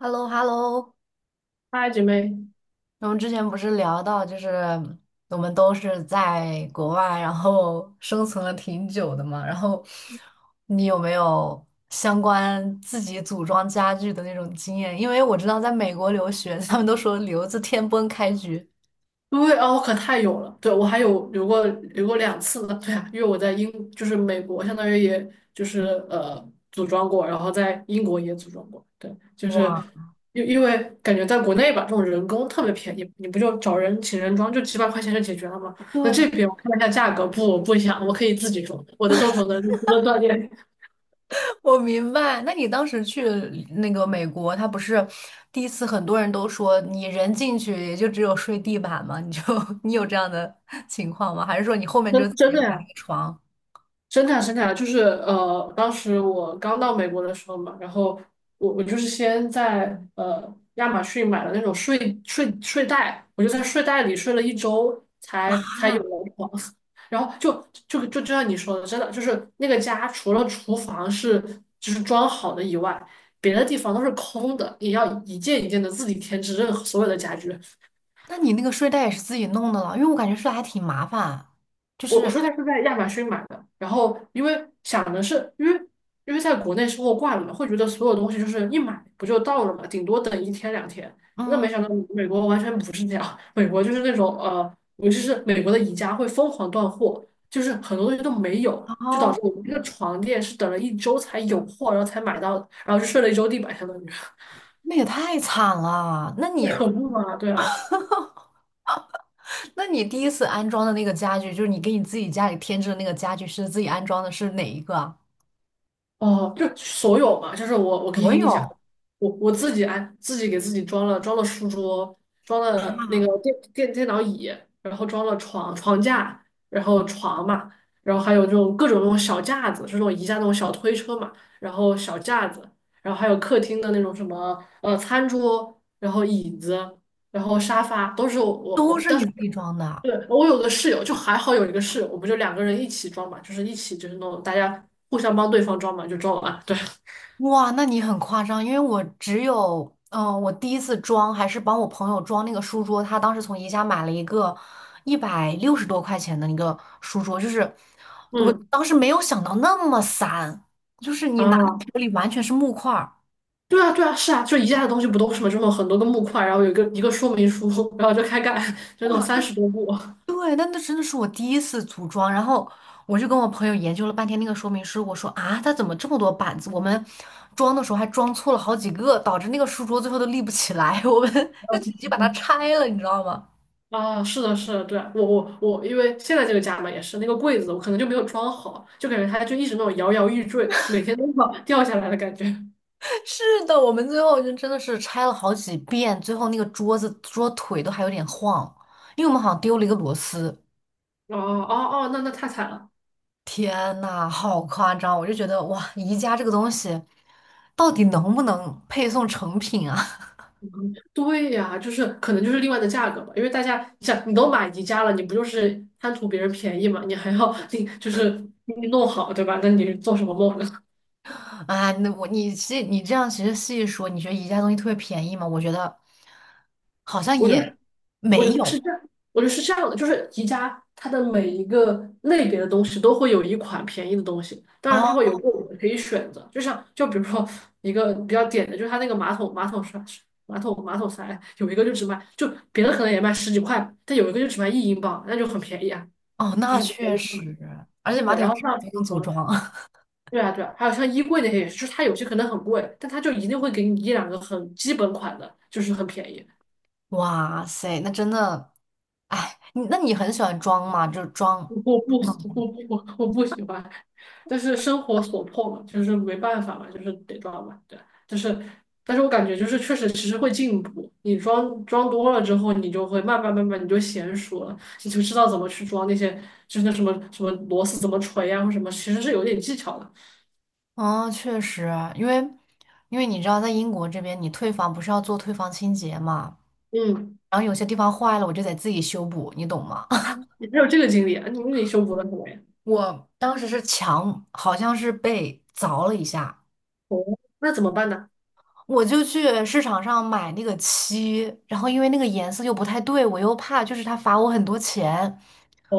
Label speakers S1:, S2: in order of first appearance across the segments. S1: h e l l o h e l l o
S2: 嗨，姐妹，
S1: 我们之前不是聊到，就是我们都是在国外，然后生存了挺久的嘛。然后你有没有相关自己组装家具的那种经验？因为我知道在美国留学，他们都说留子天崩开局。
S2: 对哦，可太有了。对，我还有留过2次呢。对呀，因为我在英，就是美国，相当于也就是呃组装过，然后在英国也组装过。对，就是
S1: 哇，
S2: 因为感觉在国内吧，这种人工特别便宜，你不就找人请人装，就几百块钱就解决了吗？那
S1: 对，
S2: 这边我看了一下价格，不，我不想，我可以自己装，我的动手能力不能锻炼，
S1: 我明白，那你当时去那个美国，他不是第一次，很多人都说你人进去也就只有睡地板吗？你就 你有这样的 情况吗？还是说你后面就自
S2: 真
S1: 己
S2: 真的
S1: 买了
S2: 呀。
S1: 个床
S2: 生产生产就是呃，当时我刚到美国的时候嘛，然后我就是先在亚马逊买了那种睡袋，我就在睡袋里睡了一周才有
S1: 啊？
S2: 了床，然后就像你说的，真的就是那个家除了厨房是就是装好的以外，别的地方都是空的，也要一件一件的自己添置任何所有的家具。
S1: 那你那个睡袋也是自己弄的了？因为我感觉睡袋还挺麻烦，就
S2: 我
S1: 是。
S2: 说它是在亚马逊买的，然后因为想的是，因为在国内收货惯了嘛，会觉得所有东西就是一买不就到了嘛，顶多等一天两天。那
S1: 嗯。
S2: 没想到美国完全不是这样，美国就是那种尤其是美国的宜家会疯狂断货，就是很多东西都没有，就导
S1: 哦，
S2: 致我们这个床垫是等了一周才有货，然后才买到的，然后就睡了一周地板，相当于。
S1: 那也太惨了。那
S2: 可
S1: 你
S2: 恐怖啊。对啊。
S1: 第一次安装的那个家具，就是你给你自己家里添置的那个家具，是自己安装的，是哪一个啊？
S2: 哦，就所有嘛，就是我可以
S1: 所
S2: 给你讲。
S1: 有
S2: 我自己给自己装了书桌，装了那个电脑椅，然后装了床架，然后床嘛，然后还有这种各种那种小架子，就是那种宜家那种小推车嘛，然后小架子，然后还有客厅的那种什么餐桌，然后椅子，然后沙发，都是我我
S1: 都
S2: 我，
S1: 是
S2: 但
S1: 你
S2: 是。
S1: 自己装的啊。
S2: 对，我有个室友，就还好有一个室友，我们就2个人一起装嘛，就是一起就是那种大家互相帮对方装嘛，就装完。对。
S1: 哇，那你很夸张，因为我只有，我第一次装还是帮我朋友装那个书桌，他当时从宜家买了一个160多块钱的一个书桌，就是 我
S2: 嗯。
S1: 当时没有想到那么散，就是你拿到
S2: 啊，
S1: 手里完全是木块儿。
S2: 对啊对啊，是啊，就宜家的东西不都是嘛，这种很多个木块，然后有一个一个说明书，然后就开干，就那种
S1: 哇，
S2: 三
S1: 那
S2: 十多步。
S1: 对，那真的是我第一次组装，然后我就跟我朋友研究了半天那个说明书，我说啊，它怎么这么多板子？我们装的时候还装错了好几个，导致那个书桌最后都立不起来，我们 就直接把它
S2: 嗯。
S1: 拆了，你知道吗？
S2: 啊，是的，是的，对啊我，因为现在这个家嘛也是那个柜子，我可能就没有装好，就感觉它就一直那种摇摇欲坠，每天都要掉下来的感觉。
S1: 是的，我们最后就真的是拆了好几遍，最后那个桌子桌腿都还有点晃，因为我们好像丢了一个螺丝。
S2: 哦哦哦，那太惨了。
S1: 天呐，好夸张！我就觉得哇，宜家这个东西到底能不能配送成品啊？
S2: 对呀，就是可能就是另外的价格吧，因为大家你想，你都买宜家了，你不就是贪图别人便宜嘛？你还要你就是你弄好，对吧？那你做什么梦呢？
S1: 啊，那我你这样其实细一说，你觉得宜家东西特别便宜吗？我觉得好 像
S2: 我就
S1: 也
S2: 是，我
S1: 没
S2: 就是
S1: 有。
S2: 这样，我就是这样的，就是宜家它的每一个类别的东西都会有一款便宜的东西，当然它
S1: 哦
S2: 会有贵的可以选择，就像就比如说一个比较点的，就是它那个马桶刷马桶塞有一个就只卖，就别的可能也卖十几块，但有一个就只卖£1，那就很便宜啊，
S1: 哦，
S2: 就
S1: 那
S2: 是便
S1: 确
S2: 宜。
S1: 实，而且马
S2: 对，
S1: 桶
S2: 然后
S1: 是
S2: 像
S1: 不用组
S2: 呃，
S1: 装啊。
S2: 对啊对啊，还有像衣柜那些也是，就是它有些可能很贵，但它就一定会给你一两个很基本款的，就是很便宜。
S1: 哇塞，那真的，哎，你很喜欢装吗？就是装，
S2: 我不我我不喜欢，但是生活所迫嘛，就是没办法嘛，就是得装嘛，对，就是，但是我感觉就是确实其实会进步，你装装多了之后，你就会慢慢你就娴熟了，你就知道怎么去装那些，就是那什么什么螺丝怎么锤啊或什么，其实是有点技巧的。
S1: 哦，确实，因为你知道，在英国这边，你退房不是要做退房清洁嘛，
S2: 嗯。
S1: 然后有些地方坏了，我就得自己修补，你懂吗？
S2: 啊，你还有这个经历啊？你修补了什么呀？
S1: 我当时是墙，好像是被凿了一下，
S2: 哦，那怎么办呢？
S1: 我就去市场上买那个漆，然后因为那个颜色又不太对，我又怕就是他罚我很多钱，
S2: 哦。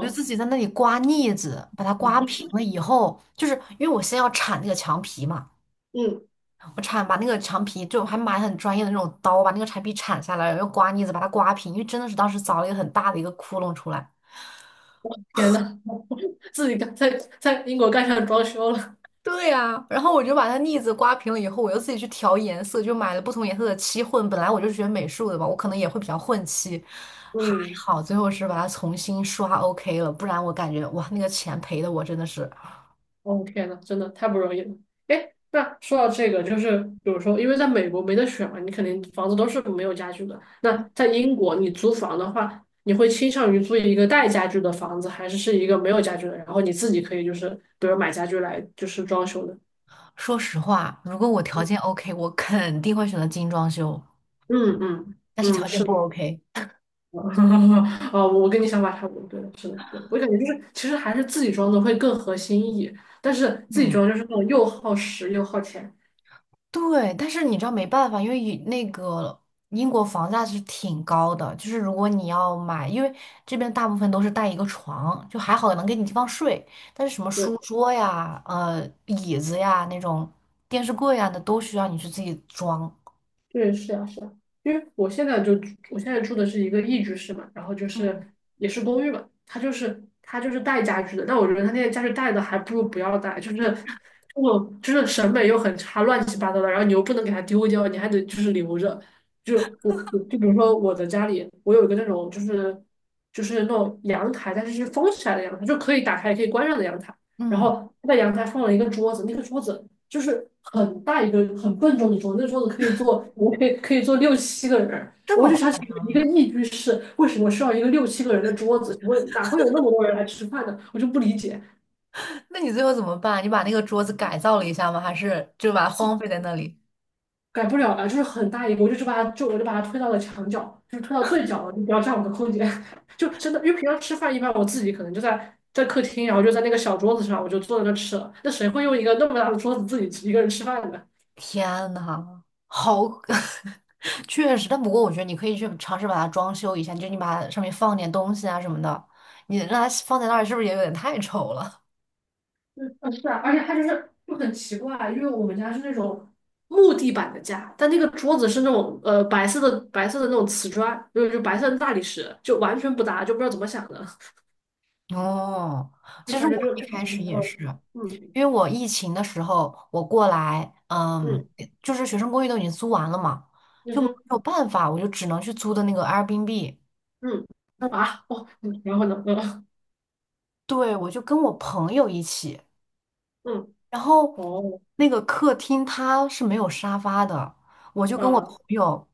S1: 我就自己在那里刮腻子，把它
S2: 嗯。
S1: 刮平了以后，就是因为我先要铲那个墙皮嘛，把那个墙皮就还买很专业的那种刀，把那个墙皮铲下来，然后刮腻子把它刮平，因为真的是当时凿了一个很大的一个窟窿出来。
S2: 天呐，自己干，在英国干上装修了。
S1: 对呀、然后我就把它腻子刮平了以后，我又自己去调颜色，就买了不同颜色的漆混。本来我就学美术的嘛，我可能也会比较混漆，还
S2: 嗯。
S1: 好最后是把它重新刷 OK 了，不然我感觉哇，那个钱赔的我真的是，
S2: 哦，天呐，真的太不容易了。哎，那说到这个，就是比如说，因为在美国没得选嘛，你肯定房子都是没有家具的。那在英国，你租房的话，你会倾向于租一个带家具的房子，还是一个没有家具的，然后你自己可以就是比如买家具来就是装修的？
S1: 说实话，如果我条件 OK,我肯定会选择精装修，
S2: 嗯嗯
S1: 但是条
S2: 嗯，
S1: 件
S2: 是
S1: 不
S2: 的。
S1: OK,
S2: 啊，我跟你想法差不多，对，是的，对，我感觉就是，其实还是自己装的会更合心意，但是自己
S1: 嗯。
S2: 装就是那种又耗时又耗钱。
S1: 对，但是你知道没办法，因为以那个英国房价是挺高的，就是如果你要买，因为这边大部分都是带一个床，就还好能给你地方睡，但是什么
S2: 对。
S1: 书桌呀、呃椅子呀那种电视柜啊，那都需要你去自己装。
S2: 对，是啊，是啊，因为我现在住的是一个一居室嘛，然后就是
S1: 嗯，
S2: 也是公寓嘛，它就是带家具的，但我觉得它那些家具带的还不如不要带，就是这种就是审美又很差，乱七八糟的，然后你又不能给它丢掉，你还得就是留着。我就比如说我的家里，我有一个那种就是那种阳台，但是是封起来的阳台，就可以打开也可以关上的阳台，然
S1: 嗯，
S2: 后它在阳台放了一个桌子，那个桌子。就是很大一个很笨重的桌子，那个桌子可以坐，我可以坐六七个人。
S1: 这
S2: 我
S1: 么
S2: 就
S1: 夸
S2: 想起
S1: 张
S2: 一个
S1: 吗？
S2: 一居室，为什么需要一个六七个人的桌子？我哪会有那么多人来吃饭呢？我就不理解，
S1: 那你最后怎么办？你把那个桌子改造了一下吗？还是就把它荒废在那里？
S2: 改不了了。就是很大一个，我就把它推到了墙角，就是推到最角了，你不要占我的空间。就真的，因为平常吃饭一般我自己可能就在客厅，然后就在那个小桌子上，我就坐在那吃了。那谁会用一个那么大的桌子自己一个人吃饭呢？
S1: 天呐，好，确实，但不过我觉得你可以去尝试把它装修一下，就是你把它上面放点东西啊什么的，你让它放在那儿是不是也有点太丑了？
S2: 嗯，是啊，而且它就是就很奇怪，因为我们家是那种木地板的家，但那个桌子是那种白色的那种瓷砖，就是白色的大理石，就完全不搭，就不知道怎么想的。
S1: 哦，
S2: 就
S1: 其实
S2: 反正
S1: 我
S2: 就
S1: 一
S2: 就感
S1: 开
S2: 觉
S1: 始也
S2: 是。
S1: 是，
S2: 嗯，
S1: 因为我疫情的时候我过来，嗯，
S2: 嗯
S1: 就是学生公寓都已经租完了嘛，
S2: 嗯
S1: 就没
S2: 哼。
S1: 有办法，我就只能去租的那个 Airbnb,
S2: 嗯。啊。哦。嗯，然后呢？嗯。
S1: 对，我就跟我朋友一起。
S2: 嗯。
S1: 然后
S2: 哦。
S1: 那个客厅它是没有沙发的，我就跟我
S2: 啊，
S1: 朋友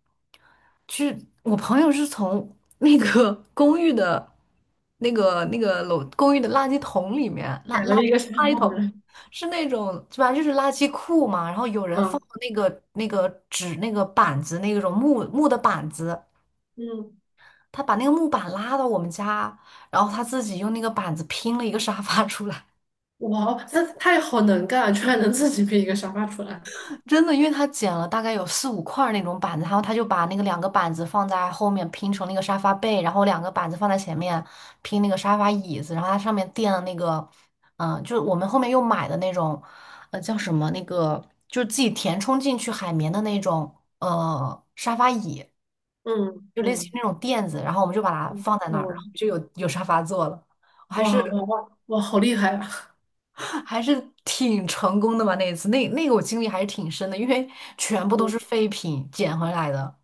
S1: 去，我朋友是从那个 公寓的那个楼公寓的垃圾桶里面，
S2: 改了一个沙
S1: 垃圾
S2: 发回
S1: 桶
S2: 来。
S1: 是那种，反正就是垃圾库嘛，然后有人放
S2: 啊。
S1: 了那个那个纸那个板子那种木木的板子。
S2: 嗯。
S1: 他把那个木板拉到我们家，然后他自己用那个板子拼了一个沙发出来。
S2: 哇哦，他也好能干啊，居然能自己编一个沙发出来。
S1: 真的，因为他剪了大概有四五块儿那种板子，然后他就把那个两个板子放在后面拼成那个沙发背，然后两个板子放在前面拼那个沙发椅子，然后它上面垫了那个，就是我们后面又买的那种，叫什么那个，就是自己填充进去海绵的那种，沙发椅，
S2: 嗯
S1: 就类似于
S2: 嗯
S1: 那种垫子，然后我们就把它
S2: 嗯。
S1: 放在那儿，然
S2: 哇
S1: 后就有沙发坐了。我
S2: 哇哇哇哇，好厉害啊！
S1: 还是挺成功的吧？那一次，那那个我经历还是挺深的，因为全部都
S2: 嗯，
S1: 是废品捡回来的。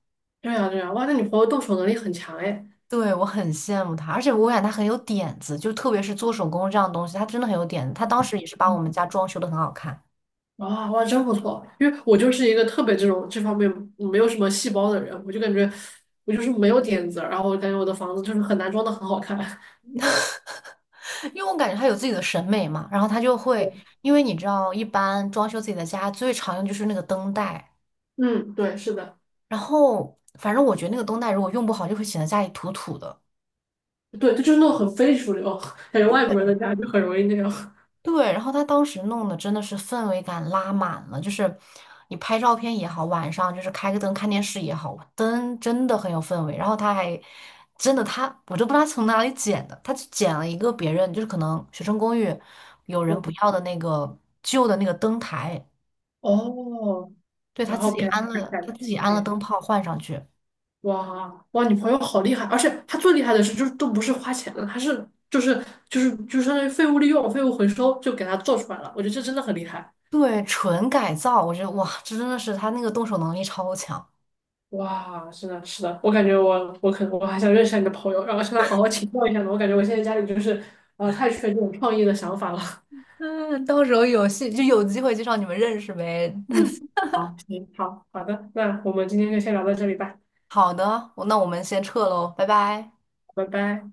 S2: 对样对样，哇，那你朋友动手能力很强哎。
S1: 对，我很羡慕他，而且我感觉他很有点子，就特别是做手工这样的东西，他真的很有点子。他当时也是把我们家装修的很好看，
S2: 哇哇，真不错。因为我就是一个特别这种这方面没有什么细胞的人，我就感觉我就是没有点子，然后我感觉我的房子就是很难装的很好看。
S1: 因为我感觉他有自己的审美嘛。然后他就会，因为你知道，一般装修自己的家最常用就是那个灯带，
S2: 嗯，对，是的，
S1: 然后反正我觉得那个灯带如果用不好，就会显得家里土土的。
S2: 对，就是那种很非主流，感觉外国人的家就很容易那样。
S1: 对，然后他当时弄的真的是氛围感拉满了，就是你拍照片也好，晚上就是开个灯看电视也好，灯真的很有氛围。然后他还真的他，我都不知道他从哪里捡的，他就捡了一个别人就是可能学生公寓有人
S2: 对
S1: 不要的那个旧的那个灯台，
S2: 哦，
S1: 对，他
S2: 然
S1: 自
S2: 后
S1: 己
S2: 给他
S1: 安
S2: 改
S1: 了，他
S2: 改，
S1: 自己安了
S2: 对。
S1: 灯泡换上去，
S2: 哇哇，你朋友好厉害，而且他最厉害的是，就是都不是花钱的，他是就是就是相当于废物利用、废物回收，就给他做出来了。我觉得这真的很厉害。
S1: 对，纯改造，我觉得哇，这真的是他那个动手能力超强。
S2: 哇，是的，是的，我感觉我可能我还想认识下你的朋友，然后向他好好请教一下呢。我感觉我现在家里就是太缺这种创意的想法了。
S1: 嗯，到时候有戏就有机会介绍你们认识呗。
S2: 嗯，好，行，好，好的，那我们今天就先聊到这里吧，
S1: 好的，我们先撤喽，拜拜。
S2: 拜拜。